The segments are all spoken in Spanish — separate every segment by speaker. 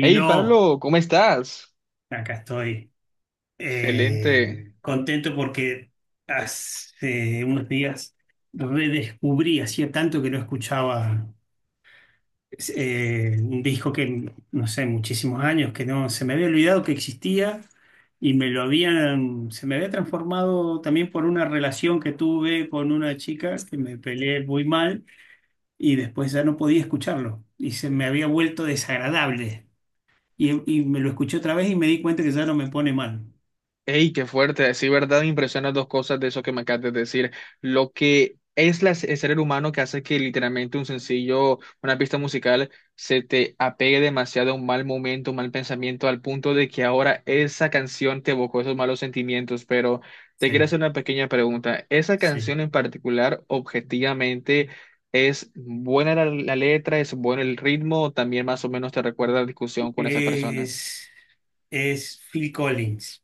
Speaker 1: Hey Pablo, ¿cómo estás?
Speaker 2: acá estoy.
Speaker 1: Excelente.
Speaker 2: Contento porque hace unos días redescubrí, hacía tanto que no escuchaba un disco que, no sé, muchísimos años, que no, se me había olvidado que existía y me lo habían, se me había transformado también por una relación que tuve con una chica que me peleé muy mal y después ya no podía escucharlo y se me había vuelto desagradable. Y me lo escuché otra vez y me di cuenta que ya no me pone mal.
Speaker 1: Hey, qué fuerte. Sí, verdad, me impresionan dos cosas de eso que me acabas de decir. Lo que es la- el ser humano que hace que literalmente un sencillo, una pista musical, se te apegue demasiado a un mal momento, un mal pensamiento, al punto de que ahora esa canción te evocó esos malos sentimientos. Pero te
Speaker 2: Sí,
Speaker 1: quiero hacer una pequeña pregunta. ¿Esa
Speaker 2: sí.
Speaker 1: canción en particular, objetivamente, ¿es buena la letra? ¿Es bueno el ritmo? ¿O también más o menos te recuerda la discusión con esa persona?
Speaker 2: Es, es Phil Collins.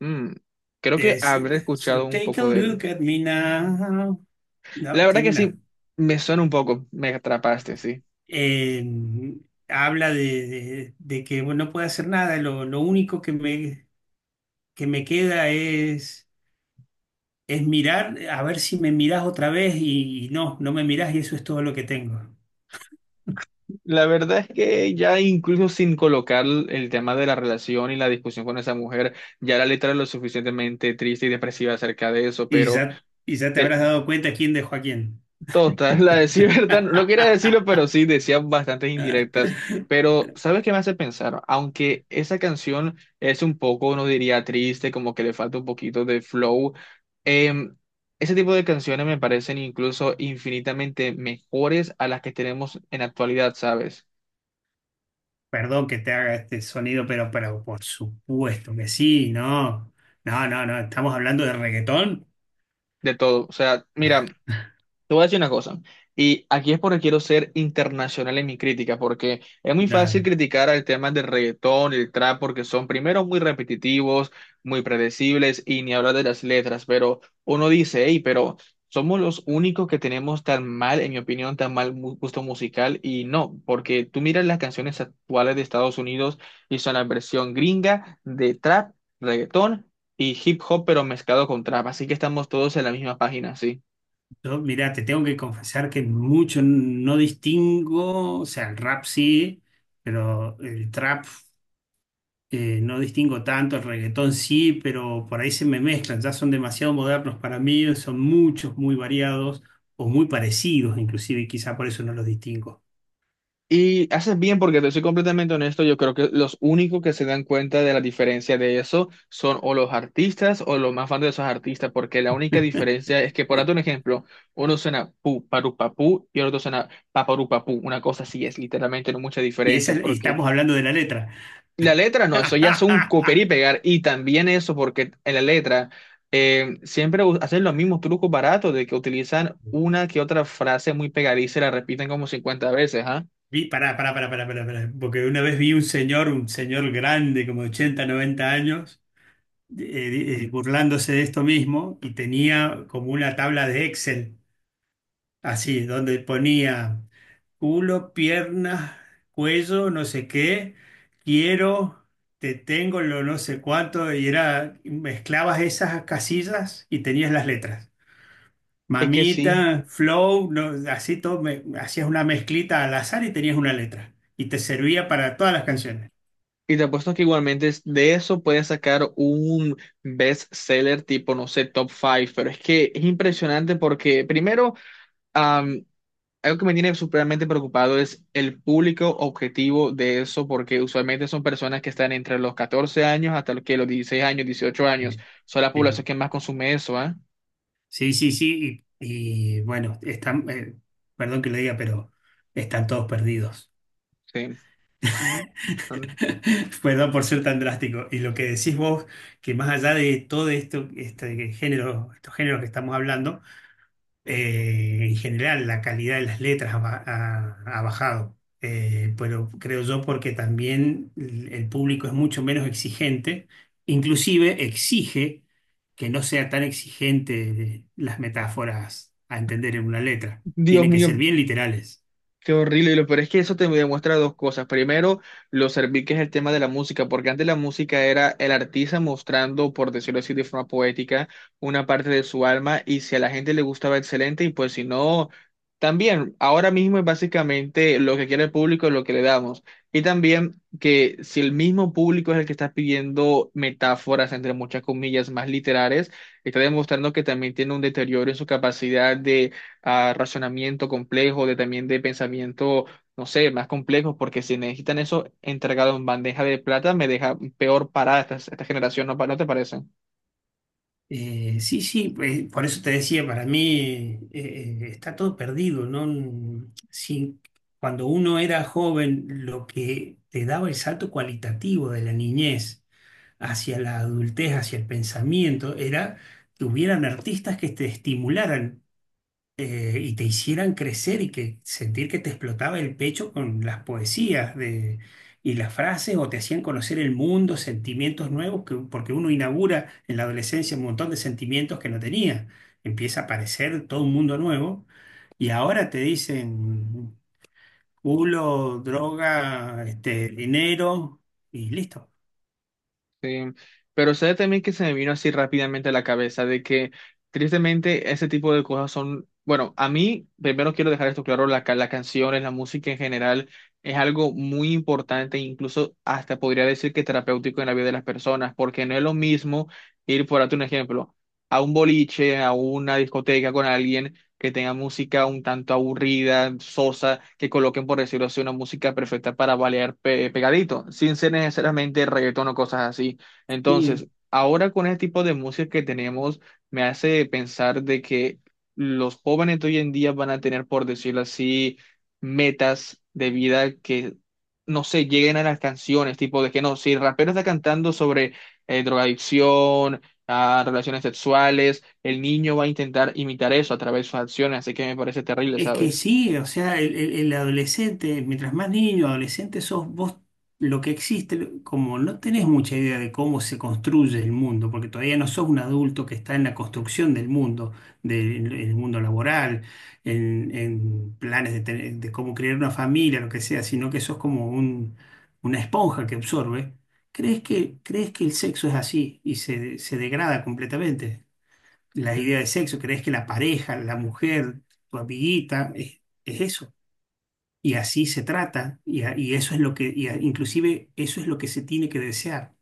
Speaker 1: Mm, Creo que
Speaker 2: Es,
Speaker 1: habré
Speaker 2: so
Speaker 1: escuchado un
Speaker 2: take a
Speaker 1: poco de él.
Speaker 2: look at me now.
Speaker 1: La
Speaker 2: No,
Speaker 1: verdad
Speaker 2: tiene
Speaker 1: que
Speaker 2: una.
Speaker 1: sí, me suena un poco, me atrapaste, sí.
Speaker 2: eh, Habla de, de que bueno, no puedo hacer nada. Lo único que me queda es mirar, a ver si me mirás otra vez y, no me mirás y eso es todo lo que tengo.
Speaker 1: La verdad es que ya incluso sin colocar el tema de la relación y la discusión con esa mujer, ya la letra es lo suficientemente triste y depresiva acerca de eso, pero...
Speaker 2: Y ya te
Speaker 1: te-
Speaker 2: habrás dado cuenta quién dejó a quién.
Speaker 1: Total, la decir verdad, no quería decirlo, pero sí decían bastantes indirectas. Pero, ¿sabes qué me hace pensar? Aunque esa canción es un poco, no diría triste, como que le falta un poquito de flow, em, ese tipo de canciones me parecen incluso infinitamente mejores a las que tenemos en actualidad, ¿sabes?
Speaker 2: Perdón que te haga este sonido, pero por supuesto que sí, no. No, no, no, estamos hablando de reggaetón.
Speaker 1: De todo. O sea, mira, te voy a decir una cosa, y aquí es porque quiero ser internacional en mi crítica, porque es muy fácil
Speaker 2: Dale.
Speaker 1: criticar al tema del reggaetón, el trap, porque son primero muy repetitivos, muy predecibles, y ni hablar de las letras, pero uno dice, hey, pero somos los únicos que tenemos tan mal, en mi opinión, tan mal gusto musical, y no, porque tú miras las canciones actuales de Estados Unidos y son la versión gringa de trap, reggaetón y hip hop, pero mezclado con trap, así que estamos todos en la misma página, sí.
Speaker 2: Yo, mira, te tengo que confesar que mucho no distingo, o sea, el rap sí, pero el trap no distingo tanto, el reggaetón sí, pero por ahí se me mezclan, ya son demasiado modernos para mí, son muchos, muy variados o muy parecidos inclusive, y quizá por eso no los distingo.
Speaker 1: Y haces bien porque te soy completamente honesto, yo creo que los únicos que se dan cuenta de la diferencia de eso son o los artistas o los más fans de esos artistas, porque la única diferencia es que, por darte un ejemplo, uno suena pu, paru, papú y el otro suena paparu, papú, una cosa así es, literalmente no mucha
Speaker 2: Y, esa,
Speaker 1: diferencia,
Speaker 2: y
Speaker 1: porque
Speaker 2: estamos hablando de la letra.
Speaker 1: la letra no, eso ya es un copiar y pegar, y también eso porque en la letra siempre hacen los mismos trucos baratos de que utilizan una que otra frase muy pegadiza y la repiten como 50 veces, ¿ah?
Speaker 2: Vi, pará, pará, pará, pará, pará, pará, porque una vez vi un señor grande, como de 80, 90 años, burlándose de esto mismo y tenía como una tabla de Excel, así, donde ponía culo, piernas, cuello, no sé qué, quiero, te tengo, lo no sé cuánto, y era, mezclabas esas casillas y tenías las letras.
Speaker 1: Es que sí.
Speaker 2: Mamita, Flow, no, así todo, hacías una mezclita al azar y tenías una letra. Y te servía para todas las canciones.
Speaker 1: Y te apuesto que igualmente de eso puedes sacar un bestseller tipo, no sé, top five, pero es que es impresionante porque primero, am, algo que me tiene supremamente preocupado es el público objetivo de eso, porque usualmente son personas que están entre los 14 años hasta los que los 16 años, 18 años,
Speaker 2: Eh,
Speaker 1: son la
Speaker 2: Sí,
Speaker 1: población que más consume eso, ¿ah?
Speaker 2: sí, sí, sí. Bueno, están, perdón que lo diga, pero están todos perdidos.
Speaker 1: Sí.
Speaker 2: Perdón por ser tan drástico. Y lo que decís vos, que más allá de todo esto, este género, estos géneros que estamos hablando, en general, la calidad de las letras ha bajado. Pero creo yo porque también el público es mucho menos exigente, inclusive exige que no sea tan exigente de las metáforas a entender en una letra,
Speaker 1: Dios
Speaker 2: tienen que ser
Speaker 1: mío,
Speaker 2: bien literales.
Speaker 1: qué horrible, y lo peor es que eso te demuestra dos cosas. Primero, lo servil que es el tema de la música, porque antes la música era el artista mostrando, por decirlo así, de forma poética, una parte de su alma, y si a la gente le gustaba, excelente, y pues si no, también, ahora mismo es básicamente lo que quiere el público, es lo que le damos. Y también que si el mismo público es el que está pidiendo metáforas, entre muchas comillas, más literales, está demostrando que también tiene un deterioro en su capacidad a razonamiento complejo, de también de pensamiento, no sé, más complejos porque si necesitan eso entregado en bandeja de plata, me deja peor parada esta, esta generación, ¿no, no te parece?
Speaker 2: Sí, sí, por eso te decía, para mí está todo perdido, ¿no? Sí, cuando uno era joven, lo que te daba el salto cualitativo de la niñez hacia la adultez, hacia el pensamiento, era que hubieran artistas que te estimularan y te hicieran crecer y que sentir que te explotaba el pecho con las poesías de, y las frases o te hacían conocer el mundo, sentimientos nuevos, que- porque uno inaugura en la adolescencia un montón de sentimientos que no tenía. Empieza a aparecer todo un mundo nuevo y ahora te dicen culo, droga, este, dinero y listo.
Speaker 1: Sí, pero sabe también que se me vino así rápidamente a la cabeza de que tristemente ese tipo de cosas son, bueno, a mí primero quiero dejar esto claro, la canción, la música en general es algo muy importante, incluso hasta podría decir que terapéutico en la vida de las personas, porque no es lo mismo ir, por darte un ejemplo, a un boliche, a una discoteca con alguien que tenga música un tanto aburrida, sosa, que coloquen, por decirlo así, una música perfecta para bailar pegadito, sin ser necesariamente reggaetón o cosas así. Entonces, ahora con este tipo de música que tenemos, me hace pensar de que los jóvenes de hoy en día van a tener, por decirlo así, metas de vida que no sé, lleguen a las canciones, tipo de que no, si el rapero está cantando sobre drogadicción, a relaciones sexuales, el niño va a intentar imitar eso a través de sus acciones, así que me parece terrible,
Speaker 2: Es que
Speaker 1: ¿sabes?
Speaker 2: sí, o sea, el adolescente, mientras más niño, adolescente sos vos, lo que existe, lo- como no tenés mucha idea de cómo se construye el mundo, porque todavía no sos un adulto que está en la construcción del mundo, del el mundo laboral, en planes de, tener- de cómo crear una familia, lo que sea, sino que sos como un, una esponja que absorbe, crees que el sexo es así y se degrada completamente la idea de sexo, crees que la pareja, la mujer, tu amiguita, es eso. Y así se trata, y, a- y eso es lo que, y a- inclusive eso es lo que se tiene que desear.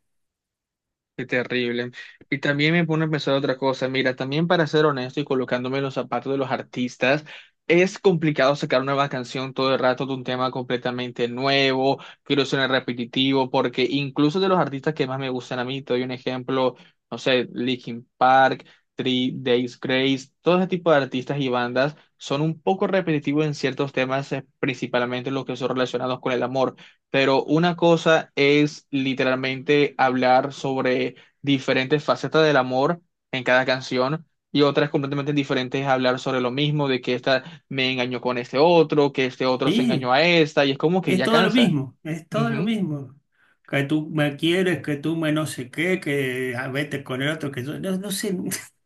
Speaker 1: Qué terrible. Y también me pone a pensar otra cosa. Mira, también para ser honesto y colocándome en los zapatos de los artistas, es complicado sacar una nueva canción todo el rato de un tema completamente nuevo, que no suene repetitivo, porque incluso de los artistas que más me gustan a mí, te doy un ejemplo, no sé, Linkin Park, Three Days Grace, todo ese tipo de artistas y bandas son un poco repetitivos en ciertos temas, principalmente los que son relacionados con el amor. Pero una cosa es literalmente hablar sobre diferentes facetas del amor en cada canción y otra es completamente diferente es hablar sobre lo mismo, de que esta me engañó con este otro, que este otro se engañó
Speaker 2: Sí,
Speaker 1: a esta y es como que
Speaker 2: es
Speaker 1: ya
Speaker 2: todo lo
Speaker 1: cansa.
Speaker 2: mismo, es todo lo
Speaker 1: Ujú,
Speaker 2: mismo. Que tú me quieres, que tú me no sé qué, que ah, vete con el otro, que yo, no, no sé.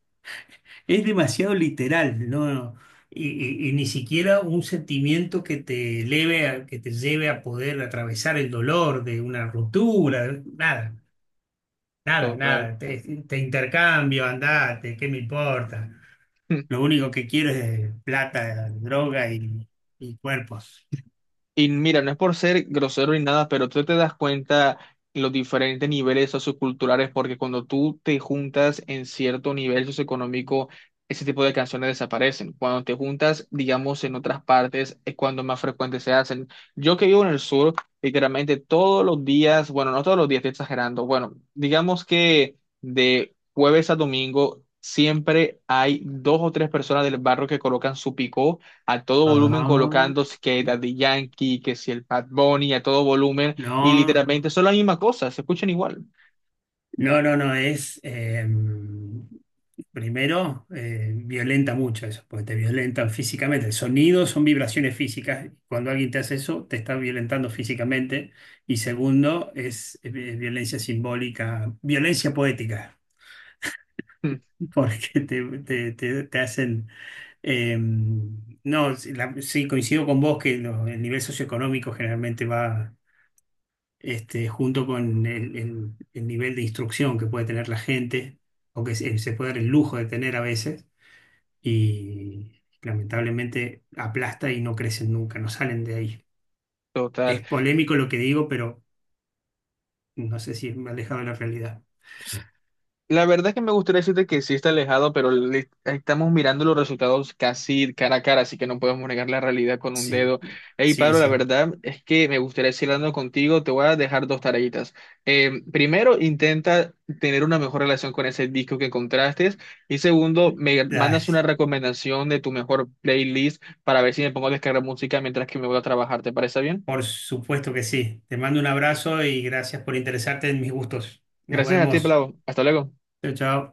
Speaker 2: Es demasiado literal, ¿no? Y, y ni siquiera un sentimiento que te eleve que te lleve a poder atravesar el dolor de una ruptura, nada. Nada,
Speaker 1: total.
Speaker 2: nada, te intercambio, andate, ¿qué me importa? Lo único que quiero es plata, droga y cuerpos.
Speaker 1: Y mira, no es por ser grosero ni nada, pero tú te das cuenta los diferentes niveles socioculturales, porque cuando tú te juntas en cierto nivel socioeconómico, ese tipo de canciones desaparecen. Cuando te juntas, digamos, en otras partes, es cuando más frecuentes se hacen. Yo que vivo en el sur, literalmente todos los días, bueno, no todos los días, estoy exagerando, bueno, digamos que de jueves a domingo siempre hay dos o tres personas del barrio que colocan su picó a todo
Speaker 2: Ajá.
Speaker 1: volumen
Speaker 2: No,
Speaker 1: colocando que Daddy Yankee, que si el Bad Bunny, a todo volumen, y literalmente son la misma cosa, se escuchan igual.
Speaker 2: no, no, no, es, primero, violenta mucho eso, porque te violentan físicamente. El sonido son vibraciones físicas. Cuando alguien te hace eso, te está violentando físicamente. Y segundo, es, violencia simbólica, violencia poética.
Speaker 1: Hmm.
Speaker 2: Porque te, te hacen... eh, no, sí, la- sí, coincido con vos que lo- el nivel socioeconómico generalmente va este, junto con el, el nivel de instrucción que puede tener la gente o que se puede dar el lujo de tener a veces y lamentablemente aplasta y no crecen nunca, no salen de ahí.
Speaker 1: Total.
Speaker 2: Es polémico lo que digo, pero no sé si me ha alejado de la realidad.
Speaker 1: La verdad es que me gustaría decirte que sí está alejado, pero estamos mirando los resultados casi cara a cara, así que no podemos negar la realidad con un
Speaker 2: Sí,
Speaker 1: dedo. Hey,
Speaker 2: sí,
Speaker 1: Pablo, la
Speaker 2: sí.
Speaker 1: verdad es que me gustaría seguir hablando contigo. Te voy a dejar dos tareitas. Primero, intenta tener una mejor relación con ese disco que encontraste. Y segundo, me mandas
Speaker 2: Dale.
Speaker 1: una recomendación de tu mejor playlist para ver si me pongo a descargar música mientras que me voy a trabajar. ¿Te parece bien?
Speaker 2: Por supuesto que sí. Te mando un abrazo y gracias por interesarte en mis gustos. Nos
Speaker 1: Gracias a ti,
Speaker 2: vemos.
Speaker 1: Pablo. Hasta luego.
Speaker 2: Chao, chao.